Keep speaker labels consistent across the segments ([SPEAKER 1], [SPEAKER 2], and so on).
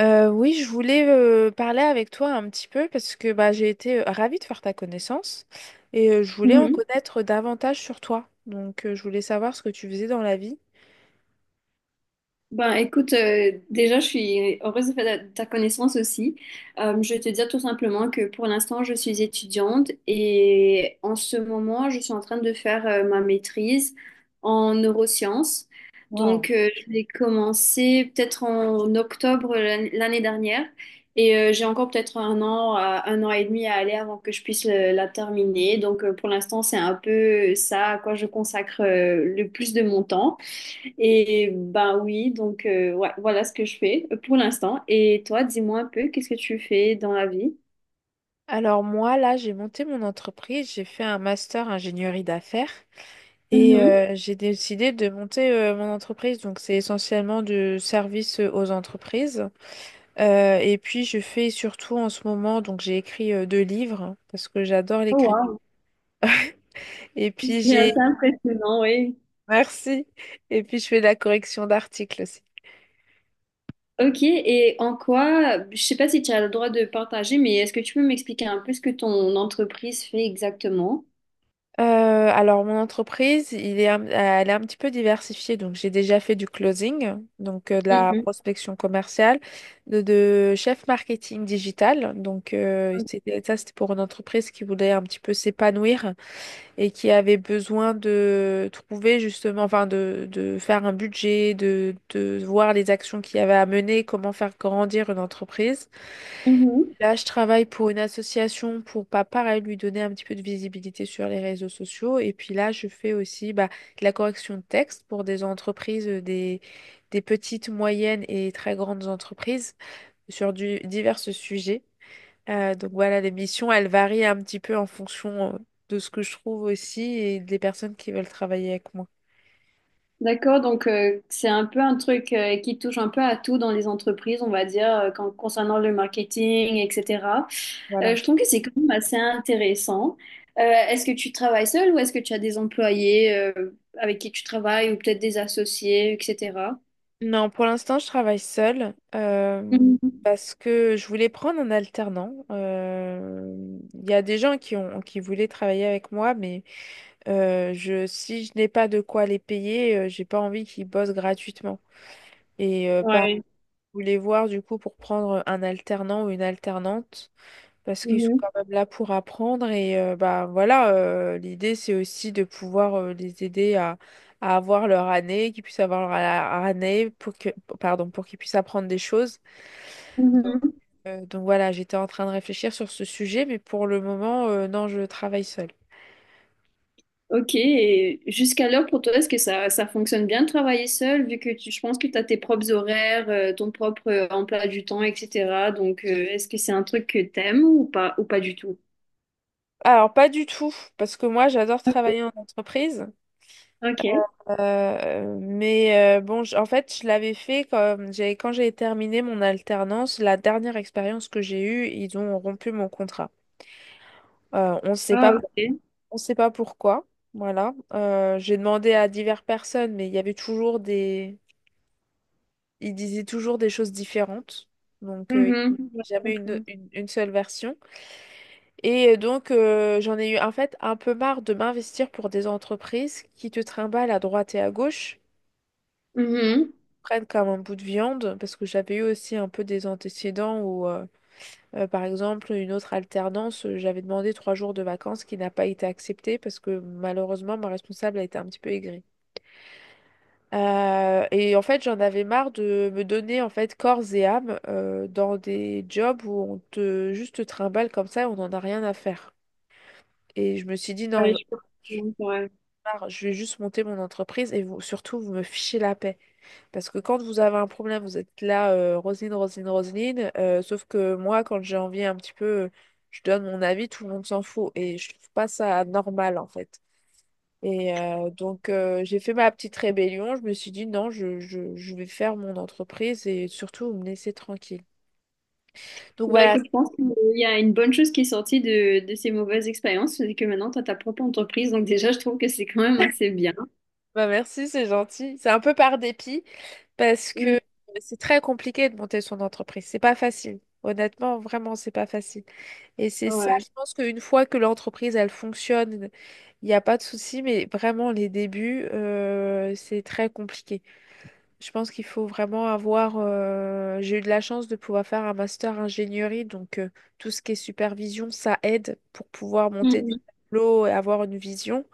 [SPEAKER 1] Oui, je voulais parler avec toi un petit peu parce que j'ai été ravie de faire ta connaissance et je voulais en
[SPEAKER 2] Mhm.
[SPEAKER 1] connaître davantage sur toi. Donc, je voulais savoir ce que tu faisais dans la vie.
[SPEAKER 2] Ben écoute, déjà je suis heureuse de faire ta connaissance aussi. Je vais te dire tout simplement que pour l'instant je suis étudiante et en ce moment je suis en train de faire ma maîtrise en neurosciences. Donc
[SPEAKER 1] Wow.
[SPEAKER 2] euh, je l'ai commencé peut-être en octobre l'année dernière et j'ai encore peut-être un an, un an et demi à aller avant que je puisse la terminer. Donc pour l'instant c'est un peu ça à quoi je consacre le plus de mon temps. Et ben oui, voilà ce que je fais pour l'instant. Et toi, dis-moi un peu, qu'est-ce que tu fais dans la vie?
[SPEAKER 1] Alors, moi, là, j'ai monté mon entreprise, j'ai fait un master ingénierie d'affaires et
[SPEAKER 2] Mhm.
[SPEAKER 1] j'ai décidé de monter mon entreprise. Donc, c'est essentiellement du service aux entreprises. Et puis, je fais surtout en ce moment, donc j'ai écrit deux livres parce que j'adore
[SPEAKER 2] Oh
[SPEAKER 1] l'écriture.
[SPEAKER 2] wow,
[SPEAKER 1] Et puis
[SPEAKER 2] c'est
[SPEAKER 1] j'ai
[SPEAKER 2] assez impressionnant, oui.
[SPEAKER 1] merci. Et puis je fais de la correction d'articles aussi.
[SPEAKER 2] Ok, et en quoi, je sais pas si tu as le droit de partager, mais est-ce que tu peux m'expliquer un peu ce que ton entreprise fait exactement?
[SPEAKER 1] Alors mon entreprise, elle est un petit peu diversifiée. Donc j'ai déjà fait du closing, donc de la
[SPEAKER 2] Mhm.
[SPEAKER 1] prospection commerciale, de chef marketing digital. Ça c'était pour une entreprise qui voulait un petit peu s'épanouir et qui avait besoin de trouver justement, enfin, de faire un budget, de voir les actions qu'il y avait à mener, comment faire grandir une entreprise.
[SPEAKER 2] Mhm.
[SPEAKER 1] Là, je travaille pour une association pour, pas pareil, lui donner un petit peu de visibilité sur les réseaux sociaux. Et puis là, je fais aussi de la correction de texte pour des entreprises, des petites, moyennes et très grandes entreprises sur divers sujets. Donc voilà, les missions, elles varient un petit peu en fonction de ce que je trouve aussi et des personnes qui veulent travailler avec moi.
[SPEAKER 2] D'accord, donc c'est un peu un truc qui touche un peu à tout dans les entreprises, on va dire, concernant le marketing, etc.
[SPEAKER 1] Voilà.
[SPEAKER 2] Je trouve que c'est quand même assez intéressant. Est-ce que tu travailles seul ou est-ce que tu as des employés avec qui tu travailles ou peut-être des associés, etc.
[SPEAKER 1] Non, pour l'instant, je travaille seule
[SPEAKER 2] Mhm.
[SPEAKER 1] parce que je voulais prendre un alternant. Il y a des gens qui voulaient travailler avec moi, mais si je n'ai pas de quoi les payer, j'ai pas envie qu'ils bossent gratuitement. Et par
[SPEAKER 2] Ouais.
[SPEAKER 1] Je voulais voir du coup pour prendre un alternant ou une alternante parce qu'ils sont quand
[SPEAKER 2] Mhm.
[SPEAKER 1] même là pour apprendre et bah voilà, l'idée c'est aussi de pouvoir les aider à avoir leur année, qu'ils puissent avoir leur a- année pour que pardon, pour qu'ils puissent apprendre des choses. donc,
[SPEAKER 2] Mhm.
[SPEAKER 1] euh, donc voilà, j'étais en train de réfléchir sur ce sujet, mais pour le moment non, je travaille seule.
[SPEAKER 2] Ok, et jusqu'alors pour toi, est-ce que ça fonctionne bien de travailler seul, vu que tu, je pense que tu as tes propres horaires, ton propre emploi du temps, etc. Donc, est-ce que c'est un truc que t'aimes ou pas du tout?
[SPEAKER 1] Alors pas du tout, parce que moi j'adore travailler en entreprise,
[SPEAKER 2] Ok.
[SPEAKER 1] mais bon, en fait je l'avais fait quand j'ai terminé mon alternance. La dernière expérience que j'ai eue, ils ont rompu mon contrat. On ne sait pas,
[SPEAKER 2] Ah, ok.
[SPEAKER 1] on sait pas pourquoi. Voilà. J'ai demandé à diverses personnes, mais il y avait toujours ils disaient toujours des choses différentes. Donc, euh,
[SPEAKER 2] Mhm. Ouais, je
[SPEAKER 1] Jamais une,
[SPEAKER 2] comprends.
[SPEAKER 1] une, une seule version. Et donc, j'en ai eu en fait un peu marre de m'investir pour des entreprises qui te trimballent à droite et à gauche,
[SPEAKER 2] Mhm.
[SPEAKER 1] prennent comme un bout de viande, parce que j'avais eu aussi un peu des antécédents où. Par exemple, une autre alternance, j'avais demandé trois jours de vacances qui n'a pas été acceptée parce que malheureusement, ma responsable a été un petit peu aigrie. Et en fait, j'en avais marre de me donner en fait corps et âme dans des jobs où on te juste te trimballe comme ça et on n'en a rien à faire. Et je me suis dit non, j'en
[SPEAKER 2] Ouais, je
[SPEAKER 1] ai
[SPEAKER 2] peux comprendre, ouais.
[SPEAKER 1] marre, je vais juste monter mon entreprise et vous, surtout, vous me fichez la paix. Parce que quand vous avez un problème, vous êtes là, Roselyne, Roselyne, Roselyne. Sauf que moi, quand j'ai envie un petit peu, je donne mon avis, tout le monde s'en fout. Et je trouve pas ça normal, en fait. Et donc, j'ai fait ma petite rébellion. Je me suis dit non, je vais faire mon entreprise et surtout, vous me laissez tranquille. Donc
[SPEAKER 2] Bah
[SPEAKER 1] voilà,
[SPEAKER 2] écoute, je pense qu'il y a une bonne chose qui est sortie de ces mauvaises expériences, c'est que maintenant tu as ta propre entreprise, donc déjà je trouve que c'est quand même assez bien.
[SPEAKER 1] bah, merci, c'est gentil. C'est un peu par dépit parce que
[SPEAKER 2] Mhm.
[SPEAKER 1] c'est très compliqué de monter son entreprise. C'est pas facile. Honnêtement, vraiment, c'est pas facile. Et c'est ça,
[SPEAKER 2] Ouais.
[SPEAKER 1] je pense qu'une fois que l'entreprise, elle fonctionne, il n'y a pas de souci, mais vraiment, les débuts, c'est très compliqué. Je pense qu'il faut vraiment avoir. J'ai eu de la chance de pouvoir faire un master ingénierie, donc tout ce qui est supervision, ça aide pour pouvoir monter des
[SPEAKER 2] Mhm.
[SPEAKER 1] tableaux et avoir une vision.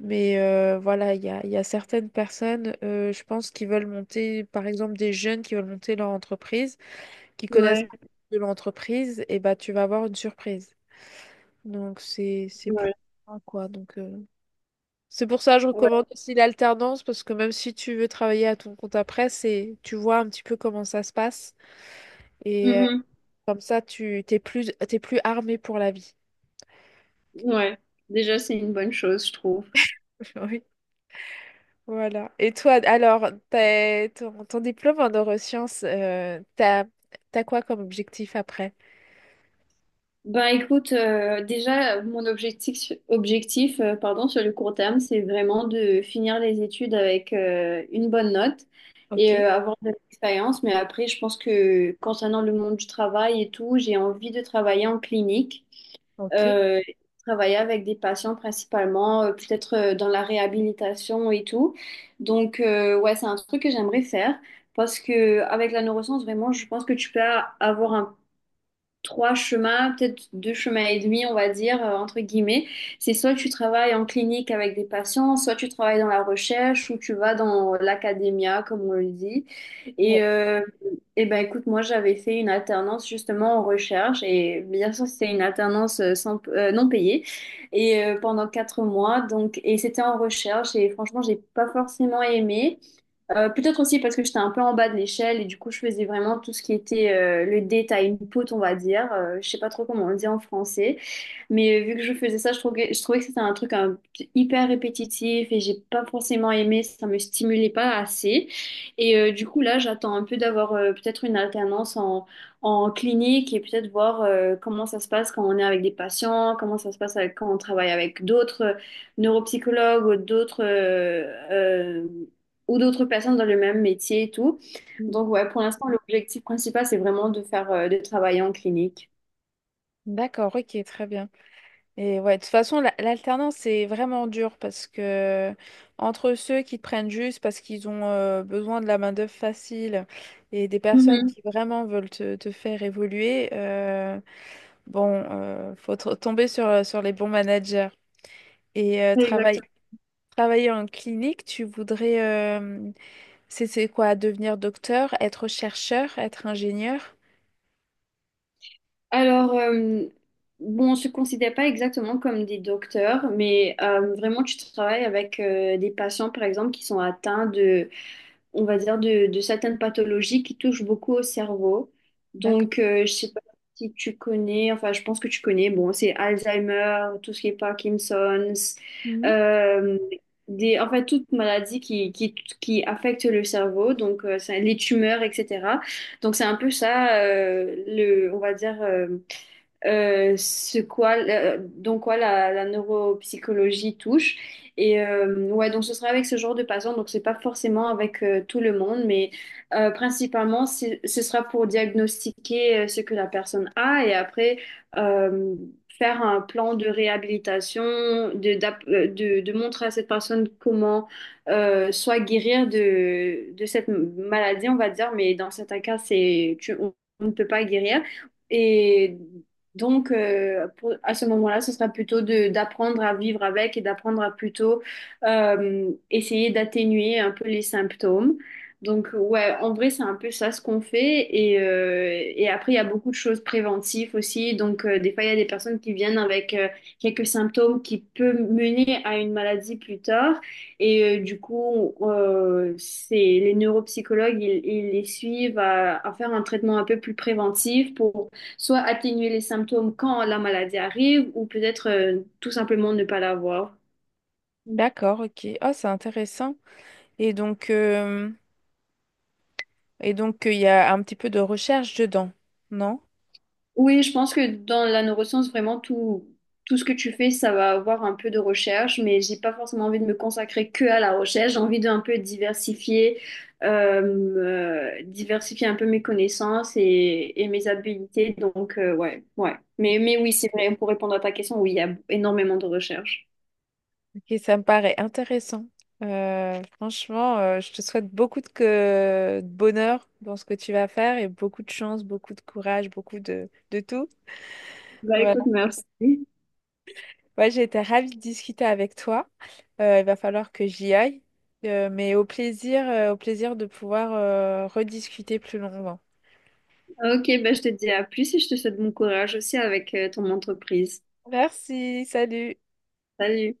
[SPEAKER 1] Mais voilà, il y a certaines personnes, je pense, qui veulent monter, par exemple, des jeunes qui veulent monter leur entreprise, qui connaissent
[SPEAKER 2] Ouais.
[SPEAKER 1] pas de l'entreprise, et bah, tu vas avoir une surprise. Donc c'est plus
[SPEAKER 2] Ouais.
[SPEAKER 1] loin, quoi. C'est pour ça que je
[SPEAKER 2] Ouais.
[SPEAKER 1] recommande aussi l'alternance, parce que même si tu veux travailler à ton compte après, c'est tu vois un petit peu comment ça se passe et
[SPEAKER 2] Mhm.
[SPEAKER 1] comme ça tu t'es plus armé pour la vie.
[SPEAKER 2] Ouais, déjà c'est une bonne chose, je trouve.
[SPEAKER 1] Oui. Voilà. Et toi, alors, ton, ton diplôme en neurosciences, t'as quoi comme objectif après?
[SPEAKER 2] Ben écoute, déjà mon objectif, sur le court terme, c'est vraiment de finir les études avec une bonne note
[SPEAKER 1] Ok,
[SPEAKER 2] et avoir de l'expérience. Mais après, je pense que concernant le monde du travail et tout, j'ai envie de travailler en clinique.
[SPEAKER 1] ok.
[SPEAKER 2] Euh, Travailler avec des patients principalement, peut-être dans la réhabilitation et tout. Donc, ouais, c'est un truc que j'aimerais faire parce que avec la neuroscience, vraiment, je pense que tu peux avoir un trois chemins, peut-être deux chemins et demi, on va dire, entre guillemets. C'est soit tu travailles en clinique avec des patients, soit tu travailles dans la recherche ou tu vas dans l'académia, comme on le dit. Et,
[SPEAKER 1] Ouais.
[SPEAKER 2] euh, eh ben, écoute, moi, j'avais fait une alternance justement en recherche et bien sûr, c'était une alternance sans, non payée et pendant quatre mois. Donc, et c'était en recherche et franchement, j'ai pas forcément aimé. Peut-être aussi parce que j'étais un peu en bas de l'échelle et du coup je faisais vraiment tout ce qui était le détail une pote on va dire. Je sais pas trop comment on le dit en français. Mais vu que je faisais ça, je trouvais que c'était hyper répétitif et j'ai pas forcément aimé, ça me stimulait pas assez. Et du coup, là, j'attends un peu d'avoir peut-être une alternance en clinique et peut-être voir comment ça se passe quand on est avec des patients, comment ça se passe quand on travaille avec d'autres neuropsychologues euh, ou d'autres personnes dans le même métier et tout.
[SPEAKER 1] Mm.
[SPEAKER 2] Donc, ouais, pour l'instant, l'objectif principal, c'est vraiment de faire, de travailler en clinique.
[SPEAKER 1] D'accord, ok, très bien. Et ouais, de toute façon, l'alternance, c'est vraiment dur parce que entre ceux qui te prennent juste parce qu'ils ont besoin de la main-d'œuvre facile et des personnes
[SPEAKER 2] Mhm.
[SPEAKER 1] qui vraiment veulent te faire évoluer, bon, faut tomber sur, sur les bons managers. Et euh, Ouais. travailler,
[SPEAKER 2] Exactement.
[SPEAKER 1] travailler en clinique, tu voudrais, euh, c'est quoi, devenir docteur, être chercheur, être ingénieur?
[SPEAKER 2] Alors, bon, on se considère pas exactement comme des docteurs, mais vraiment, tu travailles avec des patients, par exemple, qui sont atteints de, on va dire, de certaines pathologies qui touchent beaucoup au cerveau.
[SPEAKER 1] D'accord.
[SPEAKER 2] Donc, je sais pas si tu connais, enfin, je pense que tu connais, bon, c'est Alzheimer, tout ce qui est Parkinson's,
[SPEAKER 1] Mhm.
[SPEAKER 2] euh, en fait, toute maladie qui affecte le cerveau, donc les tumeurs, etc. Donc, c'est un peu ça, on va dire, dans quoi la neuropsychologie touche. Et ouais, donc ce sera avec ce genre de patients, donc c'est pas forcément avec tout le monde, mais principalement ce sera pour diagnostiquer ce que la personne a et après euh, faire un plan de réhabilitation, de montrer à cette personne comment soit guérir de cette maladie, on va dire, mais dans certains cas, on ne peut pas guérir. Et donc, à ce moment-là, ce sera plutôt d'apprendre à vivre avec et d'apprendre à plutôt essayer d'atténuer un peu les symptômes. Donc, ouais, en vrai, c'est un peu ça ce qu'on fait. Et après, il y a beaucoup de choses préventives aussi. Donc, des fois, il y a des personnes qui viennent avec quelques symptômes qui peuvent mener à une maladie plus tard. Et du coup, c'est les neuropsychologues, ils les suivent à faire un traitement un peu plus préventif pour soit atténuer les symptômes quand la maladie arrive, ou peut-être tout simplement ne pas l'avoir.
[SPEAKER 1] D'accord, ok. Oh, c'est intéressant. Et donc, euh, Et donc, il y a un petit peu de recherche dedans, non?
[SPEAKER 2] Oui, je pense que dans la neuroscience, vraiment, tout ce que tu fais, ça va avoir un peu de recherche, mais j'ai pas forcément envie de me consacrer que à la recherche. J'ai envie d'un peu diversifier, euh, diversifier un peu mes connaissances et mes habilités. Donc, ouais, ouais. Mais oui, c'est vrai, pour répondre à ta question, oui, il y a énormément de recherche.
[SPEAKER 1] Ok, ça me paraît intéressant. Franchement, je te souhaite beaucoup de bonheur dans ce que tu vas faire et beaucoup de chance, beaucoup de courage, beaucoup de tout.
[SPEAKER 2] Bah écoute,
[SPEAKER 1] Voilà.
[SPEAKER 2] merci.
[SPEAKER 1] Ouais, j'ai été ravie de discuter avec toi. Il va falloir que j'y aille, mais au plaisir de pouvoir rediscuter plus longuement.
[SPEAKER 2] Ok, ben je te dis à plus et je te souhaite bon courage aussi avec ton entreprise.
[SPEAKER 1] Merci, salut.
[SPEAKER 2] Salut.